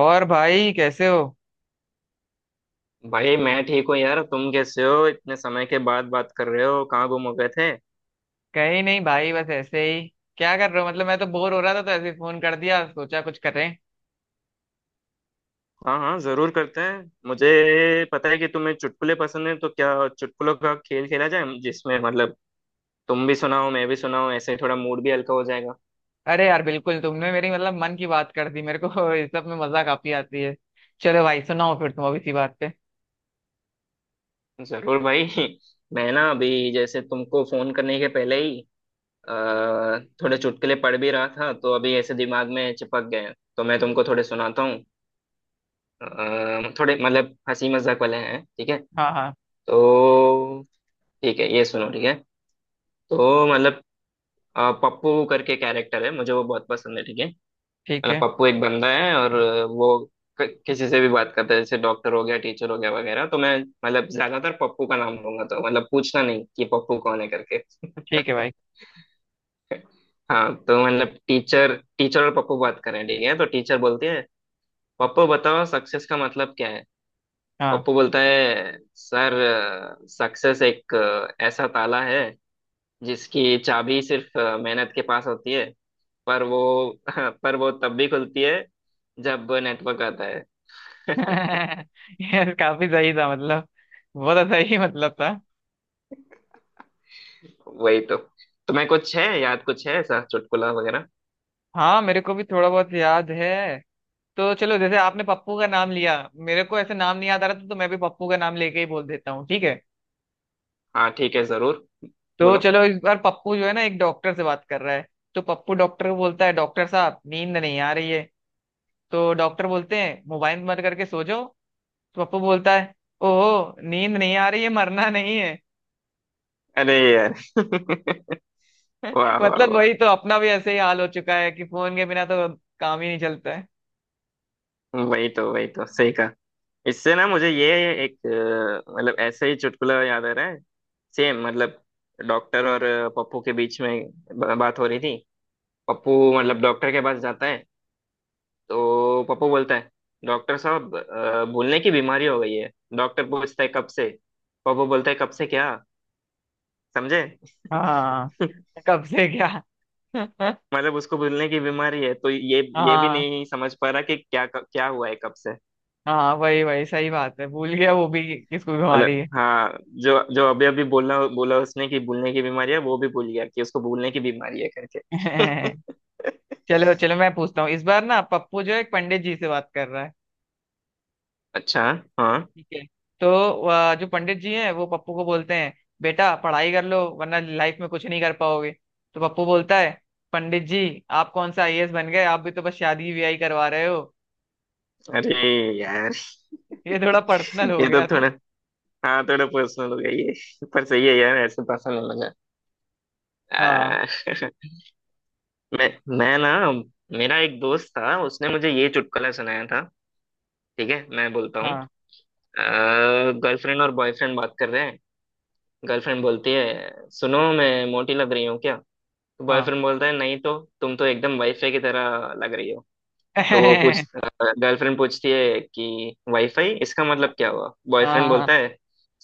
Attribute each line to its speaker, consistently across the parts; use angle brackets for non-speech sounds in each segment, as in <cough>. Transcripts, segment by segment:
Speaker 1: और भाई कैसे हो?
Speaker 2: भाई मैं ठीक हूँ यार। तुम कैसे हो? इतने समय के बाद बात कर रहे हो, कहाँ गुम हो गए थे?
Speaker 1: कहीं नहीं भाई, बस ऐसे ही। क्या कर रहे हो? मतलब मैं तो बोर हो रहा था तो ऐसे ही फोन कर दिया, सोचा कुछ करें।
Speaker 2: हाँ हाँ, जरूर करते हैं। मुझे पता है कि तुम्हें चुटकुले पसंद है, तो क्या चुटकुलों का खेल खेला जाए, जिसमें मतलब तुम भी सुनाओ मैं भी सुनाऊं, ऐसे थोड़ा मूड भी हल्का हो जाएगा।
Speaker 1: अरे यार बिल्कुल, तुमने मेरी मतलब मन की बात कर दी मेरे को। <laughs> इस सब में मजा काफी आती है। चलो भाई सुनाओ फिर तुम अभी सी बात पे।
Speaker 2: जरूर भाई। <laughs> मैं ना अभी जैसे तुमको फोन करने के पहले ही अ, थोड़े चुटकुले पढ़ भी रहा था, तो अभी ऐसे दिमाग में चिपक गए हैं। तो मैं तुमको थोड़े सुनाता हूँ। थोड़े मतलब हंसी मजाक वाले हैं, ठीक है?
Speaker 1: हाँ हाँ।
Speaker 2: तो ठीक है, ये सुनो ठीक है। तो मतलब पप्पू करके कैरेक्टर है, मुझे वो बहुत पसंद है ठीक है।
Speaker 1: ठीक
Speaker 2: मतलब
Speaker 1: है,
Speaker 2: पप्पू एक बंदा है और वो किसी से भी बात करता है, जैसे डॉक्टर हो गया, टीचर हो गया वगैरह। तो मैं मतलब ज्यादातर पप्पू का नाम लूंगा, तो मतलब पूछना नहीं कि पप्पू कौन है करके।
Speaker 1: ठीक है भाई।
Speaker 2: हाँ, तो मतलब टीचर टीचर और पप्पू बात करें ठीक है। तो टीचर बोलती है, पप्पू बताओ सक्सेस का मतलब क्या है।
Speaker 1: हाँ।
Speaker 2: पप्पू बोलता है, सर सक्सेस एक ऐसा ताला है, जिसकी चाबी सिर्फ मेहनत के पास होती है। पर वो <laughs> पर वो तब भी खुलती है जब नेटवर्क आता है। <laughs>
Speaker 1: <laughs> यार काफी सही था मतलब, बहुत सही <laughs> मतलब था।
Speaker 2: वही तो। तुम्हें कुछ है याद, कुछ है ऐसा चुटकुला वगैरह?
Speaker 1: हाँ मेरे को भी थोड़ा बहुत याद है। तो चलो, जैसे आपने पप्पू का नाम लिया, मेरे को ऐसे नाम नहीं याद आ रहा था तो मैं भी पप्पू का नाम लेके ही बोल देता हूँ, ठीक है।
Speaker 2: हाँ ठीक है, जरूर
Speaker 1: तो
Speaker 2: बोलो।
Speaker 1: चलो इस बार पप्पू जो है ना एक डॉक्टर से बात कर रहा है। तो पप्पू डॉक्टर को बोलता है, डॉक्टर साहब नींद नहीं आ रही है। तो डॉक्टर बोलते हैं मोबाइल बंद करके सो जाओ। तो पप्पू बोलता है, ओहो नींद नहीं आ रही है, मरना नहीं है।
Speaker 2: अरे यार। <laughs> वाह
Speaker 1: <laughs>
Speaker 2: वाह
Speaker 1: मतलब
Speaker 2: वाह।
Speaker 1: वही तो, अपना भी ऐसे ही हाल हो चुका है कि फोन के बिना तो काम ही नहीं चलता है।
Speaker 2: वही तो, वही तो सही कहा। इससे ना मुझे ये एक मतलब ऐसे ही चुटकुला याद आ रहा है, सेम मतलब, डॉक्टर और पप्पू के बीच में बात हो रही थी। पप्पू मतलब डॉक्टर के पास जाता है। तो पप्पू बोलता है, डॉक्टर साहब भूलने की बीमारी हो गई है। डॉक्टर पूछता है, कब से। पप्पू बोलता है, कब से क्या। समझे?
Speaker 1: हाँ।
Speaker 2: <laughs>
Speaker 1: कब से क्या? <laughs>
Speaker 2: मतलब उसको भूलने की बीमारी है, तो ये भी
Speaker 1: हाँ
Speaker 2: नहीं समझ पा रहा कि क्या क्या हुआ है कब से।
Speaker 1: हाँ वही वही, सही बात है, भूल गया वो भी किसको बीमारी
Speaker 2: मतलब
Speaker 1: है।
Speaker 2: हाँ, जो जो अभी अभी बोला बोला उसने कि भूलने की बीमारी है, वो भी भूल गया कि उसको भूलने की बीमारी है करके।
Speaker 1: <laughs>
Speaker 2: <laughs>
Speaker 1: चलो चलो मैं पूछता हूँ, इस बार ना पप्पू जो है एक पंडित जी से बात कर रहा है,
Speaker 2: अच्छा। हाँ।
Speaker 1: ठीक है। तो वह जो पंडित जी हैं वो पप्पू को बोलते हैं, बेटा पढ़ाई कर लो वरना लाइफ में कुछ नहीं कर पाओगे। तो पप्पू बोलता है, पंडित जी आप कौन सा आईएएस बन गए, आप भी तो बस शादी ब्याह करवा रहे हो।
Speaker 2: अरे यार,
Speaker 1: ये थोड़ा पर्सनल हो
Speaker 2: ये तो
Speaker 1: गया था।
Speaker 2: थोड़ा, हाँ थोड़ा पर्सनल हो गया ये, पर सही है यार, ऐसे पसंद है मुझे।
Speaker 1: हाँ
Speaker 2: आ, <laughs> मैं मैं ना, मेरा एक दोस्त था, उसने मुझे ये चुटकुला सुनाया था। ठीक है, मैं बोलता हूँ।
Speaker 1: हाँ
Speaker 2: गर्लफ्रेंड और बॉयफ्रेंड बात कर रहे हैं। गर्लफ्रेंड बोलती है, सुनो मैं मोटी लग रही हूँ क्या? तो
Speaker 1: हाँ।
Speaker 2: बॉयफ्रेंड बोलता है, नहीं तो, तुम तो एकदम वाईफाई की तरह लग रही हो। तो वो पूछ
Speaker 1: <laughs>
Speaker 2: गर्लफ्रेंड पूछती है कि वाईफाई इसका मतलब क्या हुआ। बॉयफ्रेंड
Speaker 1: हाँ।
Speaker 2: बोलता है,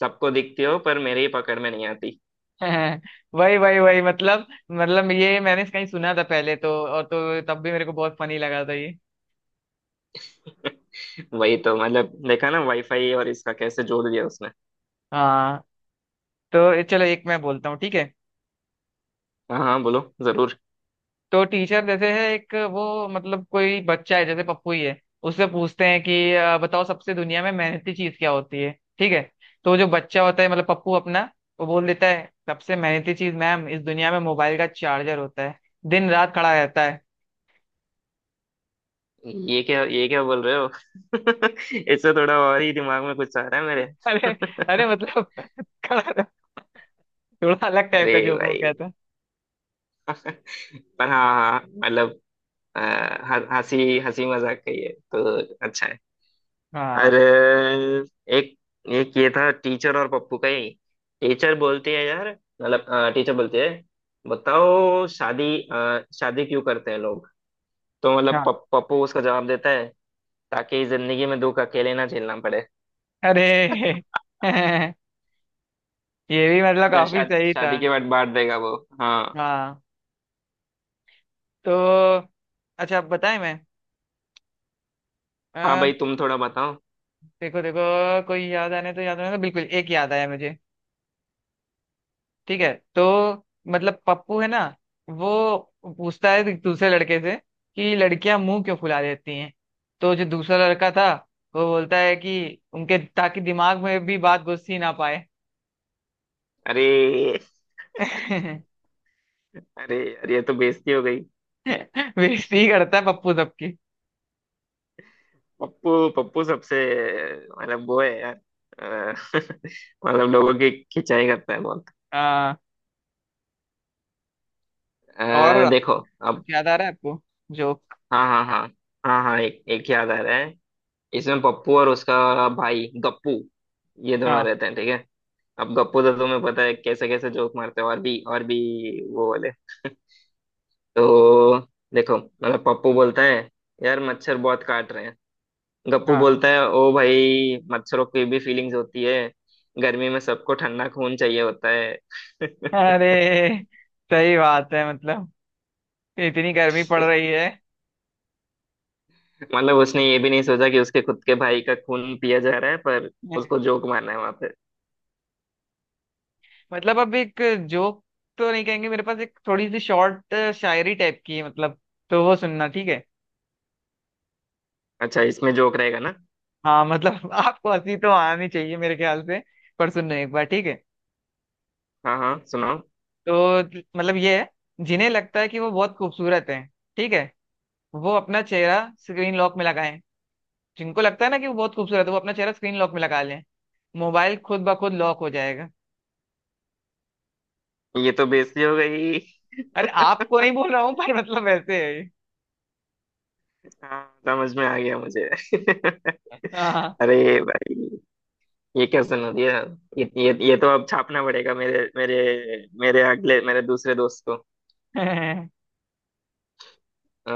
Speaker 2: सबको दिखती हो पर मेरी पकड़ में नहीं आती।
Speaker 1: <laughs> वही वही वही, मतलब ये मैंने कहीं सुना था पहले, तो और तो तब भी मेरे को बहुत फनी लगा था ये।
Speaker 2: <laughs> वही तो, मतलब देखा ना, वाईफाई और इसका कैसे जोड़ दिया उसने।
Speaker 1: हाँ। तो चलो एक मैं बोलता हूँ, ठीक है।
Speaker 2: हाँ हाँ, बोलो जरूर।
Speaker 1: तो टीचर देते हैं एक, वो मतलब कोई बच्चा है जैसे पप्पू ही है, उससे पूछते हैं कि बताओ सबसे दुनिया में मेहनती चीज क्या होती है, ठीक है। तो जो बच्चा होता है मतलब पप्पू अपना, वो बोल देता है, सबसे मेहनती चीज मैम इस दुनिया में मोबाइल का चार्जर होता है, दिन रात खड़ा रहता है।
Speaker 2: ये क्या बोल रहे हो? <laughs> इससे थोड़ा और ही दिमाग में कुछ आ रहा है मेरे।
Speaker 1: <laughs> अरे। अरे
Speaker 2: <laughs>
Speaker 1: मतलब <laughs> खड़ा रह- थोड़ा अलग टाइप
Speaker 2: अरे
Speaker 1: का जोक हो गया
Speaker 2: भाई।
Speaker 1: था।
Speaker 2: पर हाँ हाँ मतलब अ, हंसी हंसी मजाक का ही है तो, अच्छा है। और
Speaker 1: हाँ
Speaker 2: एक एक ये था टीचर और पप्पू का ही। टीचर बोलती है यार, मतलब टीचर बोलती है, बताओ शादी क्यों करते हैं लोग। तो मतलब
Speaker 1: हाँ।
Speaker 2: पप्पू उसका जवाब देता है, ताकि जिंदगी में दुख अकेले ना झेलना पड़े। <laughs>
Speaker 1: अरे। <laughs> ये भी मतलब
Speaker 2: ना,
Speaker 1: काफी सही था।
Speaker 2: शादी के बाद बांट देगा वो। हाँ।
Speaker 1: हाँ। तो अच्छा बताएं,
Speaker 2: हाँ भाई,
Speaker 1: मैं,
Speaker 2: तुम थोड़ा बताओ।
Speaker 1: देखो देखो कोई याद आने तो बिल्कुल एक याद आया मुझे, ठीक है। तो मतलब पप्पू है ना, वो पूछता है दूसरे लड़के से कि लड़कियां मुंह क्यों फुला देती हैं। तो जो दूसरा लड़का था वो बोलता है कि उनके, ताकि दिमाग में भी बात घुस ही ना पाए।
Speaker 2: अरे,
Speaker 1: <laughs>
Speaker 2: अरे यार, ये तो बेइज्जती हो गई।
Speaker 1: बेइज्जती ही करता है पप्पू सबकी।
Speaker 2: पप्पू पप्पू सबसे, मतलब वो है यार। अ, <laughs> मतलब लोगों की खिंचाई करता है बहुत।
Speaker 1: हाँ। और
Speaker 2: देखो
Speaker 1: कुछ
Speaker 2: अब।
Speaker 1: याद आ रहा है आपको जोक?
Speaker 2: हाँ हाँ हाँ हाँ हाँ, एक एक याद आ रहा है। इसमें पप्पू और उसका भाई गप्पू, ये दोनों
Speaker 1: हाँ
Speaker 2: रहते हैं ठीक है। अब गप्पू तो तुम्हें पता है, कैसे कैसे जोक मारते हैं और भी और भी, वो वाले। तो देखो मतलब पप्पू बोलता है, यार मच्छर बहुत काट रहे हैं। गप्पू
Speaker 1: हाँ।
Speaker 2: बोलता है, ओ भाई, मच्छरों की भी फीलिंग्स होती है, गर्मी में सबको ठंडा खून चाहिए होता है।
Speaker 1: अरे सही बात है मतलब, इतनी गर्मी पड़
Speaker 2: <laughs>
Speaker 1: रही है।
Speaker 2: मतलब उसने ये भी नहीं सोचा कि उसके खुद के भाई का खून पिया जा रहा है, पर उसको
Speaker 1: <laughs>
Speaker 2: जोक मारना है वहां पे।
Speaker 1: मतलब अब एक जोक तो नहीं कहेंगे, मेरे पास एक थोड़ी सी शॉर्ट शायरी टाइप की है मतलब, तो वो सुनना, ठीक है।
Speaker 2: अच्छा इसमें जोक रहेगा ना।
Speaker 1: हाँ मतलब <laughs> आपको हंसी तो आनी चाहिए मेरे ख्याल से, पर सुनना एक बार, ठीक है।
Speaker 2: हाँ हाँ, सुनाओ।
Speaker 1: तो मतलब ये है, जिन्हें लगता है कि वो बहुत खूबसूरत है, ठीक है, वो अपना चेहरा स्क्रीन लॉक में लगाएं। जिनको लगता है ना कि वो बहुत खूबसूरत है वो अपना चेहरा स्क्रीन लॉक में लगा लें, मोबाइल खुद ब खुद लॉक हो जाएगा।
Speaker 2: ये तो बेइज्जती हो गई।
Speaker 1: अरे आपको नहीं बोल रहा हूँ, पर मतलब वैसे है ये।
Speaker 2: हाँ, समझ में आ गया मुझे। <laughs>
Speaker 1: हाँ।
Speaker 2: अरे भाई, ये क्या, सुनो ये तो अब छापना पड़ेगा मेरे मेरे मेरे अगले मेरे दूसरे दोस्त को।
Speaker 1: <laughs>
Speaker 2: अ,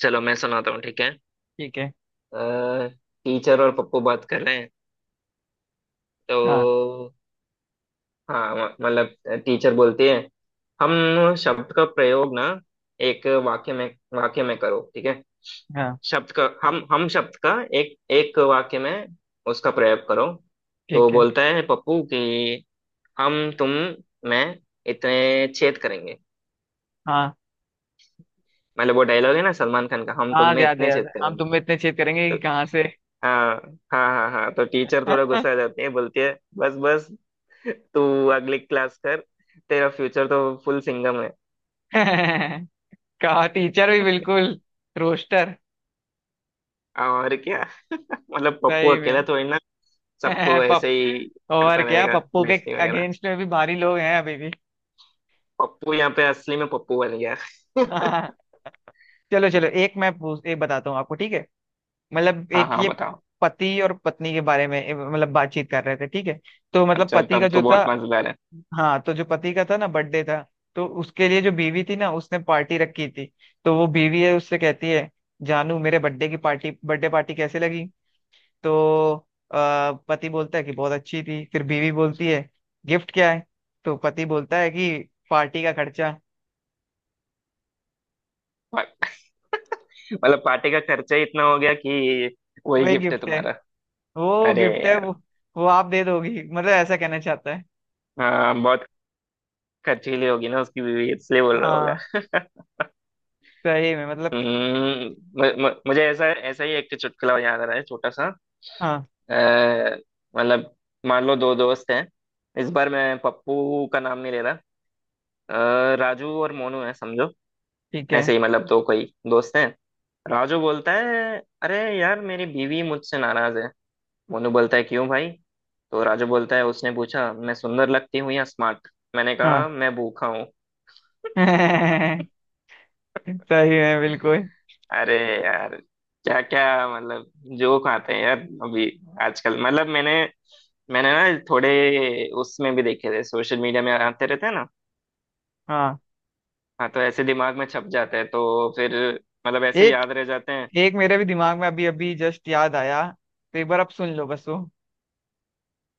Speaker 2: चलो मैं सुनाता हूँ ठीक है।
Speaker 1: ठीक है।
Speaker 2: टीचर और पप्पू बात कर रहे हैं।
Speaker 1: हाँ
Speaker 2: तो हाँ, मतलब टीचर बोलती है, हम शब्द का प्रयोग ना एक वाक्य में करो ठीक है।
Speaker 1: हाँ
Speaker 2: शब्द का हम शब्द का एक एक वाक्य में उसका प्रयोग करो। तो
Speaker 1: ठीक है।
Speaker 2: बोलता है पप्पू कि, हम तुम मैं इतने छेद करेंगे।
Speaker 1: हाँ
Speaker 2: मतलब वो डायलॉग है ना सलमान खान का, हम तुम
Speaker 1: हाँ
Speaker 2: में
Speaker 1: याद है,
Speaker 2: इतने
Speaker 1: याद
Speaker 2: छेद
Speaker 1: है, हम
Speaker 2: करेंगे।
Speaker 1: तुम्हें इतने चेत करेंगे कि कहाँ से।
Speaker 2: हाँ हाँ हाँ हाँ, तो टीचर थोड़ा गुस्सा आ
Speaker 1: <laughs>
Speaker 2: जाती है, बोलती है, बस बस, तू अगली क्लास कर, तेरा फ्यूचर तो फुल सिंगम है।
Speaker 1: कहा टीचर भी बिल्कुल रोस्टर।
Speaker 2: और क्या, मतलब पप्पू
Speaker 1: सही में।
Speaker 2: अकेला थोड़ी
Speaker 1: <laughs>
Speaker 2: ना, सबको
Speaker 1: पप
Speaker 2: ऐसे ही
Speaker 1: और
Speaker 2: करता
Speaker 1: क्या,
Speaker 2: रहेगा
Speaker 1: पप्पू के
Speaker 2: बेइज्जती वगैरह।
Speaker 1: अगेंस्ट में भी भारी लोग हैं अभी भी।
Speaker 2: पप्पू यहाँ पे असली में पप्पू बन गया। <laughs>
Speaker 1: <laughs> चलो चलो एक मैं पूछ एक बताता हूँ आपको, ठीक है। मतलब
Speaker 2: हाँ
Speaker 1: एक
Speaker 2: हाँ,
Speaker 1: ये
Speaker 2: बताओ।
Speaker 1: पति और पत्नी के बारे में मतलब बातचीत कर रहे थे, ठीक है। तो मतलब
Speaker 2: अच्छा
Speaker 1: पति का
Speaker 2: तब तो
Speaker 1: जो था,
Speaker 2: बहुत मजेदार है।
Speaker 1: हाँ, तो जो पति का था ना बर्थडे था, तो उसके लिए जो बीवी थी ना उसने पार्टी रखी थी। तो वो बीवी है उससे कहती है, जानू मेरे बर्थडे पार्टी कैसे लगी। तो पति बोलता है कि बहुत अच्छी थी। फिर बीवी बोलती है गिफ्ट क्या है। तो पति बोलता है कि पार्टी का खर्चा
Speaker 2: मतलब पार्टी का खर्चा ही इतना हो गया कि वही
Speaker 1: वही
Speaker 2: गिफ्ट है
Speaker 1: गिफ्ट है।
Speaker 2: तुम्हारा।
Speaker 1: वो
Speaker 2: अरे
Speaker 1: गिफ्ट है
Speaker 2: यार।
Speaker 1: वो वो आप दे दोगी मतलब, ऐसा कहना चाहता है।
Speaker 2: हाँ बहुत खर्चीली होगी ना उसकी बीवी, इसलिए बोल रहा
Speaker 1: हाँ
Speaker 2: होगा। <laughs>
Speaker 1: सही में मतलब।
Speaker 2: हम्म, मुझे ऐसा, ऐसा ही एक चुटकुला याद आ रहा है छोटा सा।
Speaker 1: हाँ।
Speaker 2: अ, मतलब मान लो दो दोस्त हैं। इस बार मैं पप्पू का नाम नहीं ले रहा, राजू और मोनू है समझो।
Speaker 1: ठीक है।
Speaker 2: ऐसे ही मतलब दो कोई दोस्त हैं। राजू बोलता है, अरे यार मेरी बीवी मुझसे नाराज है। मोनू बोलता है, क्यों भाई। तो राजू बोलता है, उसने पूछा मैं सुंदर लगती हूँ या स्मार्ट, मैंने कहा
Speaker 1: हाँ
Speaker 2: मैं भूखा।
Speaker 1: <laughs> सही है बिल्कुल।
Speaker 2: अरे यार, क्या क्या मतलब जोक आते हैं यार अभी आजकल। मतलब मैंने मैंने ना थोड़े उसमें भी देखे थे, सोशल मीडिया में आते रहते हैं ना।
Speaker 1: हाँ।
Speaker 2: हाँ, तो ऐसे दिमाग में छप जाते हैं तो फिर मतलब ऐसे
Speaker 1: एक
Speaker 2: याद रह जाते हैं।
Speaker 1: एक मेरे भी दिमाग में अभी अभी जस्ट याद आया, तो एक बार आप सुन लो बस वो,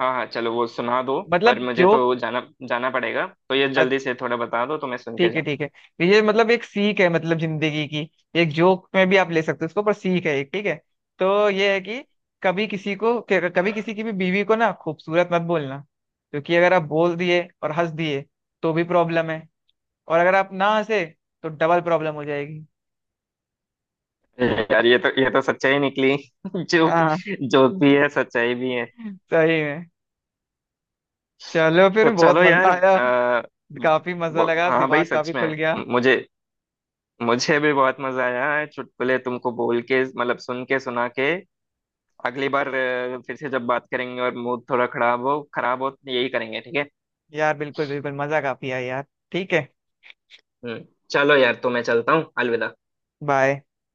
Speaker 2: हाँ हाँ, चलो वो सुना दो, पर
Speaker 1: मतलब
Speaker 2: मुझे
Speaker 1: जोक,
Speaker 2: तो जाना, जाना पड़ेगा तो ये जल्दी से थोड़ा बता दो, तो मैं सुन के
Speaker 1: ठीक है,
Speaker 2: जाऊँ।
Speaker 1: ठीक है। तो ये मतलब एक सीख है, मतलब जिंदगी की, एक जोक में भी आप ले सकते हो उसको पर सीख है एक, ठीक है। तो ये है कि, कभी किसी की भी बीवी को ना खूबसूरत मत बोलना, क्योंकि अगर आप बोल दिए और हंस दिए तो भी प्रॉब्लम है, और अगर आप ना हंसे तो डबल प्रॉब्लम हो जाएगी।
Speaker 2: यार ये तो, ये तो सच्चाई निकली। <laughs> जोक,
Speaker 1: हाँ
Speaker 2: जोक भी है सच्चाई भी है।
Speaker 1: सही है। चलो फिर
Speaker 2: तो
Speaker 1: बहुत
Speaker 2: चलो
Speaker 1: मजा
Speaker 2: यार,
Speaker 1: आया, काफी मजा लगा,
Speaker 2: हाँ भाई
Speaker 1: दिमाग
Speaker 2: सच
Speaker 1: काफी खुल
Speaker 2: में,
Speaker 1: गया।
Speaker 2: मुझे मुझे भी बहुत मजा आया है, चुटकुले तुमको बोल के मतलब सुन के सुना के। अगली बार फिर से जब बात करेंगे और मूड थोड़ा खराब हो, खराब हो, यही करेंगे ठीक है।
Speaker 1: यार बिल्कुल बिल्कुल, मजा काफी आया यार, ठीक है।
Speaker 2: हम्म चलो यार, तो मैं चलता हूँ। अलविदा।
Speaker 1: बाय।